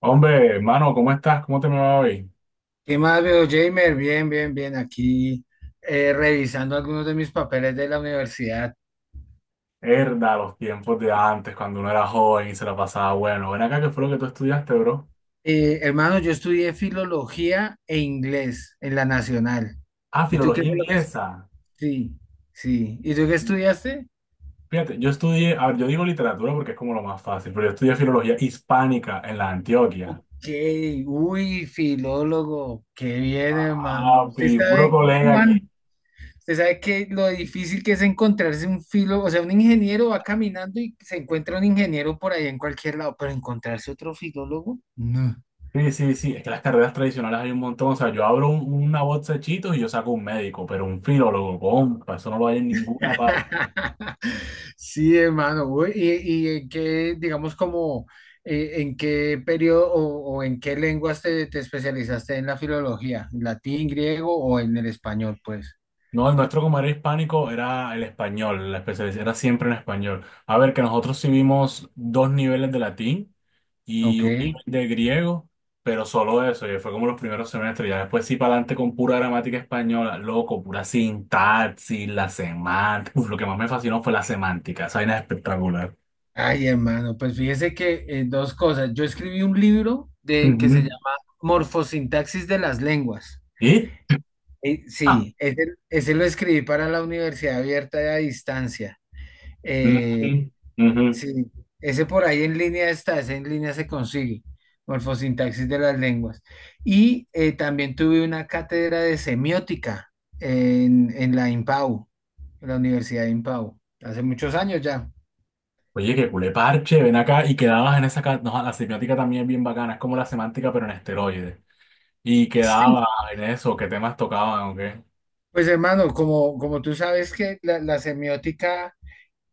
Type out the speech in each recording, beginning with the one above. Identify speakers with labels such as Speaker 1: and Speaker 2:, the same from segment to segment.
Speaker 1: Hombre, hermano, ¿cómo estás? ¿Cómo te me va hoy?
Speaker 2: ¿Qué más veo, Jamer? Bien, bien, bien. Aquí revisando algunos de mis papeles de la universidad.
Speaker 1: Herda, los tiempos de antes, cuando uno era joven y se la pasaba bueno. Ven acá, ¿qué fue lo que tú estudiaste, bro?
Speaker 2: Hermano, yo estudié filología e inglés en la Nacional.
Speaker 1: Ah,
Speaker 2: ¿Y tú qué
Speaker 1: filología
Speaker 2: fue lo que... es-
Speaker 1: inglesa.
Speaker 2: Sí, sí. ¿Y tú qué estudiaste?
Speaker 1: Fíjate, yo estudié, a ver, yo digo literatura porque es como lo más fácil, pero yo estudié filología hispánica en la Antioquia.
Speaker 2: ¿Qué? Uy, filólogo. Qué bien, hermano.
Speaker 1: Papi,
Speaker 2: ¿Usted
Speaker 1: puro
Speaker 2: sabe
Speaker 1: colega aquí.
Speaker 2: cuán... Usted sabe que lo difícil que es encontrarse un filo, o sea, un ingeniero va caminando y se encuentra un ingeniero por ahí en cualquier lado, pero encontrarse otro filólogo, no.
Speaker 1: Sí, sí, sí, es que las carreras tradicionales hay un montón. O sea, yo abro una bolsa de Cheetos y yo saco un médico, pero un filólogo, compa, eso no lo hay en ninguna parte.
Speaker 2: Sí, hermano. Uy, ¿y en qué, digamos, como, en qué periodo o en qué lenguas te especializaste en la filología? ¿En latín, griego o en el español, pues?
Speaker 1: No, el nuestro como era hispánico era el español, la especialidad era siempre en español. A ver, que nosotros sí vimos dos niveles de latín y
Speaker 2: Ok.
Speaker 1: un nivel de griego, pero solo eso, y fue como los primeros semestres, ya después sí para adelante con pura gramática española, loco, pura sintaxis, la semántica. Uf, lo que más me fascinó fue la semántica, esa vaina es espectacular.
Speaker 2: Ay, hermano, pues fíjese que dos cosas. Yo escribí un libro de, que
Speaker 1: Ujú.
Speaker 2: se llama Morfosintaxis de las Lenguas.
Speaker 1: ¿Y? Ah,
Speaker 2: Sí, ese lo escribí para la Universidad Abierta y a Distancia. Eh,
Speaker 1: ujú, ujú.
Speaker 2: Sí, ese por ahí en línea está, ese en línea se consigue, morfosintaxis de las lenguas. Y también tuve una cátedra de semiótica en la IMPAU, en la Universidad de IMPAU, hace muchos años ya.
Speaker 1: Oye, que culé parche, ven acá y quedabas en esa... ca- No, la semiótica también es bien bacana, es como la semántica pero en esteroides. Y
Speaker 2: Sí,
Speaker 1: quedaba en eso, qué temas tocaban o qué.
Speaker 2: pues hermano, como, como tú sabes que la semiótica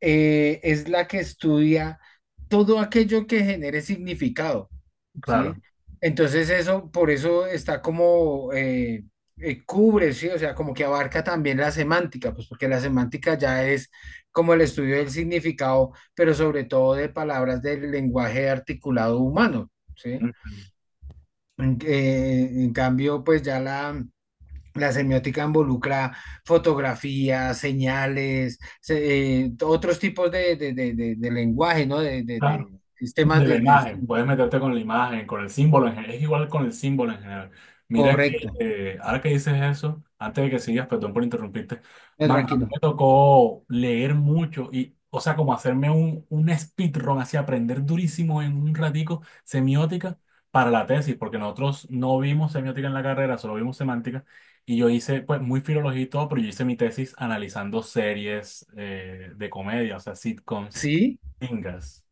Speaker 2: es la que estudia todo aquello que genere significado.
Speaker 1: Claro.
Speaker 2: ¿Sí? Entonces eso, por eso está como, cubre, ¿sí? O sea, como que abarca también la semántica, pues porque la semántica ya es como el estudio del significado, pero sobre todo de palabras del lenguaje articulado humano, ¿sí?
Speaker 1: Ujú.
Speaker 2: En cambio, pues ya la... La semiótica involucra fotografías, señales, otros tipos de lenguaje, ¿no? De, de-
Speaker 1: Claro.
Speaker 2: de sistemas
Speaker 1: De la
Speaker 2: de...
Speaker 1: imagen, puedes meterte con la imagen, con el símbolo en general, es igual con el símbolo en general. Mira
Speaker 2: Correcto.
Speaker 1: que ahora que dices eso, antes de que sigas, perdón por interrumpirte,
Speaker 2: No,
Speaker 1: man, a mí
Speaker 2: tranquilo.
Speaker 1: me tocó leer mucho y, o sea, como hacerme un speedrun, así aprender durísimo en un ratico semiótica para la tesis, porque nosotros no vimos semiótica en la carrera, solo vimos semántica, y yo hice, pues, muy filología y todo, pero yo hice mi tesis analizando series de comedia, o sea, sitcoms,
Speaker 2: ¿Sí?
Speaker 1: gringas.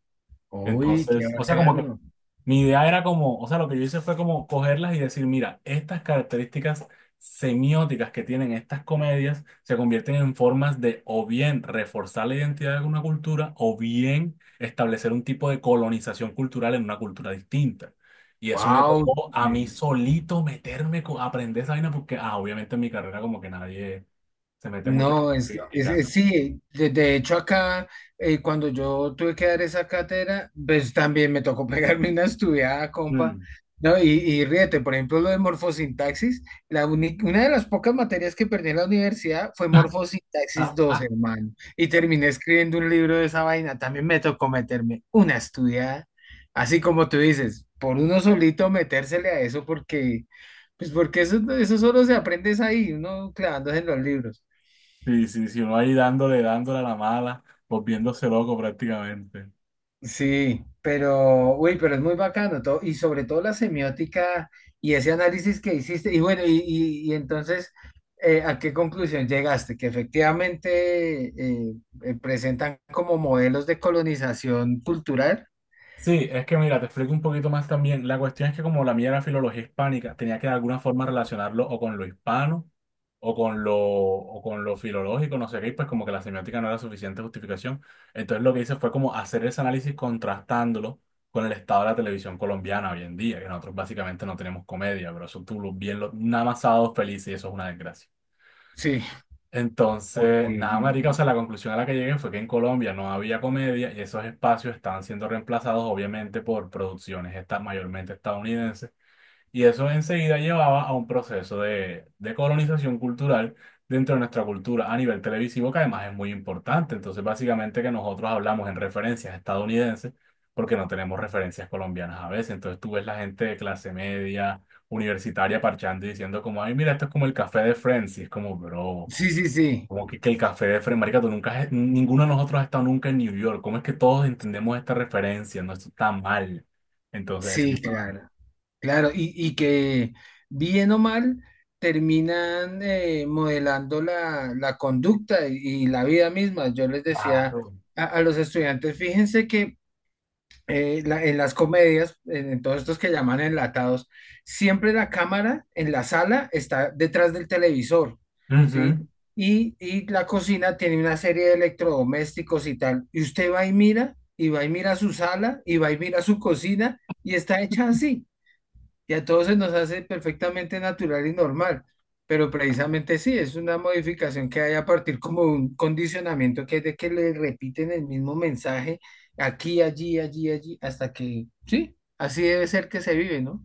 Speaker 2: Uy, qué
Speaker 1: Entonces, o sea, como que
Speaker 2: bacano.
Speaker 1: mi idea era como, o sea, lo que yo hice fue como cogerlas y decir, mira, estas características semióticas que tienen estas comedias se convierten en formas de o bien reforzar la identidad de una cultura o bien establecer un tipo de colonización cultural en una cultura distinta. Y eso me
Speaker 2: Wow.
Speaker 1: tocó a mí solito meterme, co- aprender esa vaina porque, ah, obviamente en mi carrera como que nadie se mete mucho con lo
Speaker 2: No, es,
Speaker 1: que
Speaker 2: que-
Speaker 1: estoy aplicando.
Speaker 2: es- sí, de hecho acá, cuando yo tuve que dar esa cátedra, pues también me tocó pegarme una estudiada, compa,
Speaker 1: Mm.
Speaker 2: ¿no? Y ríete, por ejemplo, lo de morfosintaxis, una de las pocas materias que perdí en la universidad fue morfosintaxis 2, hermano, y terminé escribiendo un libro de esa vaina, también me tocó meterme una estudiada, así como tú dices, por uno solito metérsele a eso, porque, pues porque eso solo se aprende es ahí, uno clavándose en los libros.
Speaker 1: Sí, sí, sí, uno ahí dándole, dándole a la mala, volviéndose loco prácticamente.
Speaker 2: Sí, pero, uy, pero es muy bacano todo, y sobre todo la semiótica y ese análisis que hiciste, y bueno, y entonces, ¿a qué conclusión llegaste? Que efectivamente presentan como modelos de colonización cultural.
Speaker 1: Sí, es que mira, te explico un poquito más también. La cuestión es que como la mía era filología hispánica, tenía que de alguna forma relacionarlo o con lo hispano o con lo filológico, no sé qué, y pues como que la semiótica no era suficiente justificación. Entonces lo que hice fue como hacer ese análisis contrastándolo con el estado de la televisión colombiana hoy en día, que nosotros básicamente no tenemos comedia, pero eso tú lo- bien, lo, nada más sábados felices y eso es una desgracia.
Speaker 2: Sí, ok.
Speaker 1: Entonces, nada, marica, o sea, la conclusión a la que llegué fue que en Colombia no había comedia y esos espacios estaban siendo reemplazados, obviamente, por producciones esta- mayormente estadounidenses. Y eso enseguida llevaba a un proceso de colonización cultural dentro de nuestra cultura a nivel televisivo, que además es muy importante. Entonces, básicamente que nosotros hablamos en referencias estadounidenses porque no tenemos referencias colombianas a veces. Entonces, tú ves la gente de clase media, universitaria, parchando y diciendo como, ay, mira, esto es como el café de Friends. Y es como, bro.
Speaker 2: Sí, sí, sí,
Speaker 1: Como que el café de Fred, marica, tú nunca has- ninguno de nosotros ha estado nunca en New York. ¿Cómo es que todos entendemos esta referencia? No, esto está mal. Entonces, ese
Speaker 2: sí,
Speaker 1: tipo de vaina.
Speaker 2: claro. Claro, y que bien o mal terminan modelando la conducta y la vida misma. Yo les decía
Speaker 1: Claro.
Speaker 2: a los estudiantes, fíjense que en las comedias, en todos estos que llaman enlatados, siempre la cámara en la sala está detrás del televisor, ¿sí?
Speaker 1: Ujú.
Speaker 2: Y la cocina tiene una serie de electrodomésticos y tal. Y usted va y mira, y va y mira su sala, y va y mira su cocina, y está hecha así y a todos se nos hace perfectamente natural y normal, pero precisamente sí, es una modificación que hay a partir como de un condicionamiento que es de que le repiten el mismo mensaje aquí, allí, allí, allí, hasta que, sí, así debe ser que se vive, ¿no?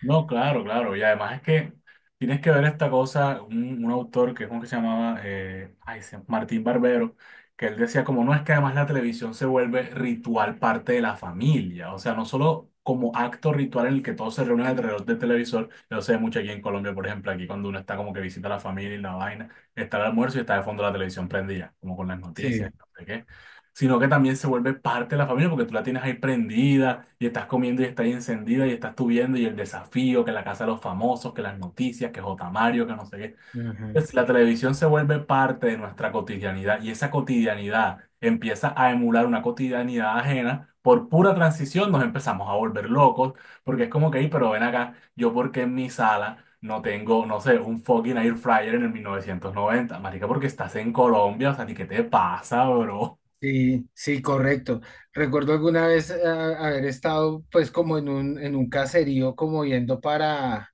Speaker 1: No, claro, claro. Y además es que tienes que ver esta cosa, un autor que es uno que se llamaba ay, se- Martín Barbero, que él decía como no es que además la televisión se vuelve ritual parte de la familia, o sea, no solo como acto ritual en el que todos se reúnen alrededor del televisor, yo sé mucho aquí en Colombia, por ejemplo, aquí cuando uno está como que visita a la familia y la vaina, está el almuerzo y está de fondo la televisión prendida, como con las noticias,
Speaker 2: Sí.
Speaker 1: no sé qué, sino que también se vuelve parte de la familia porque tú la tienes ahí prendida y estás comiendo y está ahí encendida y estás tú viendo y el desafío, que la casa de los famosos, que las noticias, que J. Mario, que no sé qué.
Speaker 2: Ajá.
Speaker 1: Pues la televisión se vuelve parte de nuestra cotidianidad y esa cotidianidad empieza a emular una cotidianidad ajena. Por pura transición nos empezamos a volver locos porque es como que, "Ey, pero ven acá, yo porque en mi sala no tengo, no sé, un fucking air fryer en el 1990, marica, porque estás en Colombia, o sea, ni qué te pasa, bro?
Speaker 2: Sí, sí, correcto. Recuerdo alguna vez haber estado pues como en un caserío como yendo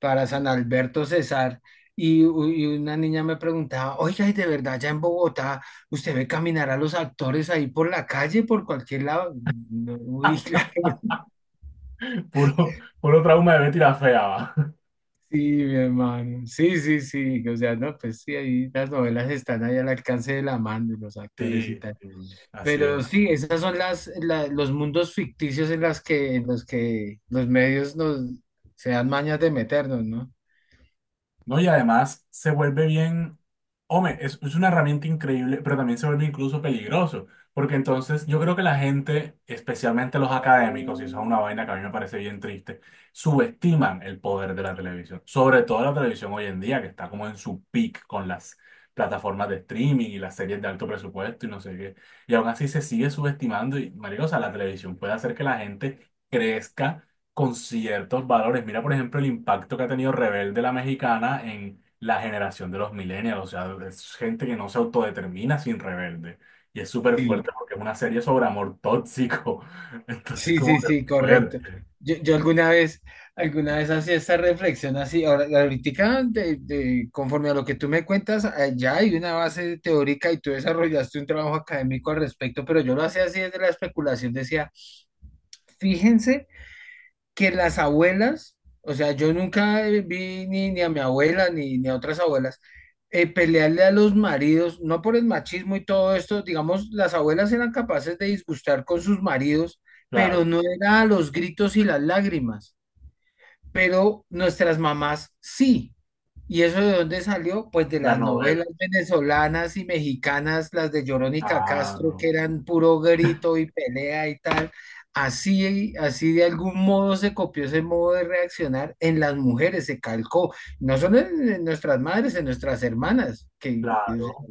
Speaker 2: para San Alberto Cesar y, y una niña me preguntaba, oiga, ¿y de verdad ya en Bogotá usted ve caminar a los actores ahí por la calle, por cualquier lado? No, uy, claro,
Speaker 1: Puro, puro trauma de Betty la fea, va.
Speaker 2: sí, mi hermano, sí, sí, sí, o sea, no, pues sí, ahí las novelas están ahí al alcance de la mano de los actores y
Speaker 1: Sí,
Speaker 2: tal.
Speaker 1: así
Speaker 2: Pero
Speaker 1: es.
Speaker 2: sí, esas son los mundos ficticios en las que, en los que los medios nos se dan mañas de meternos, ¿no?
Speaker 1: No, y además se vuelve bien, hombre, es una herramienta increíble, pero también se vuelve incluso peligroso, porque entonces yo creo que la gente, especialmente los académicos, y eso es una vaina que a mí me parece bien triste, subestiman el poder de la televisión, sobre todo la televisión hoy en día, que está como en su peak con las plataformas de streaming y las series de alto presupuesto y no sé qué, y aún así se sigue subestimando y, marico, o sea, la televisión puede hacer que la gente crezca con ciertos valores. Mira, por ejemplo, el impacto que ha tenido Rebelde la Mexicana en la generación de los millennials. O sea, es gente que no se autodetermina sin Rebelde. Y es súper
Speaker 2: Sí,
Speaker 1: fuerte porque es una serie sobre amor tóxico. Entonces,
Speaker 2: sí,
Speaker 1: como
Speaker 2: sí,
Speaker 1: que
Speaker 2: sí, correcto.
Speaker 1: fuerte.
Speaker 2: Yo alguna vez hacía esta reflexión así, ahora, ahorita, conforme a lo que tú me cuentas, ya hay una base teórica y tú desarrollaste un trabajo académico al respecto, pero yo lo hacía así desde la especulación, decía, fíjense. Que las abuelas, o sea, yo nunca vi ni, ni a mi abuela ni, ni a otras abuelas pelearle a los maridos, no por el machismo y todo esto, digamos, las abuelas eran capaces de disgustar con sus maridos, pero
Speaker 1: Claro,
Speaker 2: no era a los gritos y las lágrimas, pero nuestras mamás sí. ¿Y eso de dónde salió? Pues de
Speaker 1: las
Speaker 2: las novelas
Speaker 1: novelas.
Speaker 2: venezolanas y mexicanas, las de Verónica Castro, que
Speaker 1: Claro,
Speaker 2: eran puro grito y pelea y tal. Así, así de algún modo se copió ese modo de reaccionar en las mujeres, se calcó, no solo en nuestras madres, en nuestras hermanas, que, o sea,
Speaker 1: claro.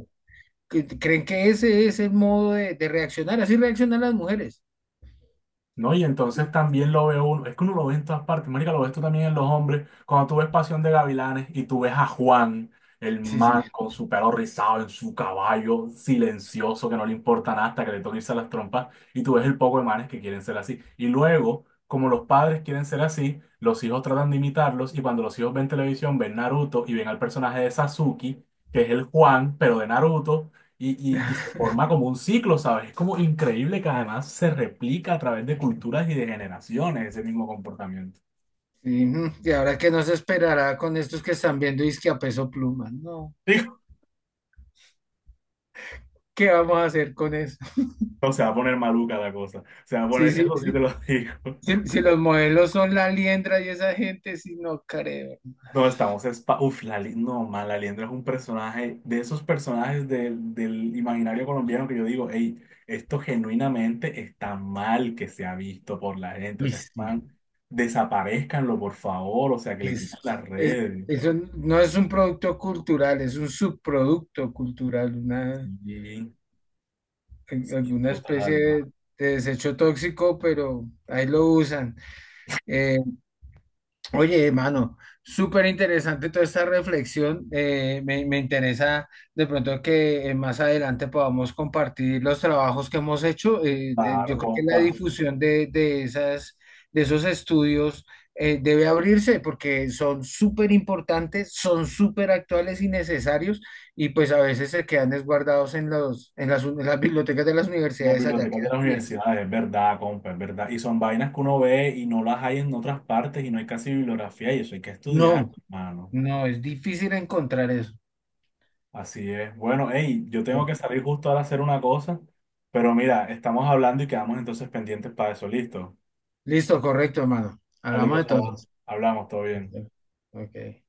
Speaker 2: que creen que ese es el modo de reaccionar, así reaccionan las mujeres.
Speaker 1: ¿No? Y entonces también lo ve uno, es que uno lo ve en todas partes, marica, lo ves tú también en los hombres, cuando tú ves Pasión de Gavilanes y tú ves a Juan, el
Speaker 2: Sí, sí.
Speaker 1: man con su pelo rizado en su caballo, silencioso, que no le importa nada hasta que le toque irse a las trompas, y tú ves el poco de manes que quieren ser así. Y luego, como los padres quieren ser así, los hijos tratan de imitarlos, y cuando los hijos ven televisión, ven Naruto y ven al personaje de Sasuke, que es el Juan, pero de Naruto, y, y se forma como un ciclo, ¿sabes? Es como increíble que además se replica a través de culturas y de generaciones ese mismo comportamiento.
Speaker 2: Sí, ujú. Y ahora que nos esperará con estos que están viendo que a peso pluma, no,
Speaker 1: Digo,
Speaker 2: ¿qué vamos a hacer con eso?
Speaker 1: no, se va a poner maluca la cosa. Se va a
Speaker 2: Sí,
Speaker 1: poner,
Speaker 2: sí,
Speaker 1: eso sí te
Speaker 2: sí.
Speaker 1: lo digo.
Speaker 2: Si, si los modelos son la liendra y esa gente, sí, no creo.
Speaker 1: No, estamos, espa uf, la, Li- no, man, la Liendra es un personaje, de esos personajes del, del imaginario colombiano que yo digo, hey, esto genuinamente está mal que se ha visto por la gente, o
Speaker 2: Uy,
Speaker 1: sea,
Speaker 2: sí.
Speaker 1: están, desaparezcanlo, por favor, o sea, que le quitan
Speaker 2: Es,
Speaker 1: las
Speaker 2: es-
Speaker 1: redes.
Speaker 2: eso no es un producto cultural, es un subproducto cultural, una,
Speaker 1: Sí,
Speaker 2: alguna especie
Speaker 1: total.
Speaker 2: de desecho tóxico, pero ahí lo usan. Eh, Oye, hermano, súper interesante toda esta reflexión. Me interesa de pronto que más adelante podamos compartir los trabajos que hemos hecho. Yo
Speaker 1: Claro,
Speaker 2: creo que la
Speaker 1: compa.
Speaker 2: difusión de esas, de esos estudios debe abrirse porque son súper importantes, son súper actuales y necesarios y pues a veces se quedan desguardados en los, en las bibliotecas de las
Speaker 1: Las
Speaker 2: universidades, allá
Speaker 1: bibliotecas de
Speaker 2: quedan
Speaker 1: las
Speaker 2: bien.
Speaker 1: universidades, es verdad, compa, es verdad. Y son vainas que uno ve y no las hay en otras partes y no hay casi bibliografía y eso hay que estudiar,
Speaker 2: No,
Speaker 1: mano.
Speaker 2: no, es difícil encontrar eso.
Speaker 1: Así es. Bueno, hey, yo tengo que salir justo ahora a hacer una cosa, pero mira, estamos hablando y quedamos entonces pendientes para eso. Listo.
Speaker 2: Listo, correcto, hermano.
Speaker 1: Dale, que
Speaker 2: Hablamos
Speaker 1: eso va.
Speaker 2: entonces.
Speaker 1: Hablamos, todo bien.
Speaker 2: Listo. Ok.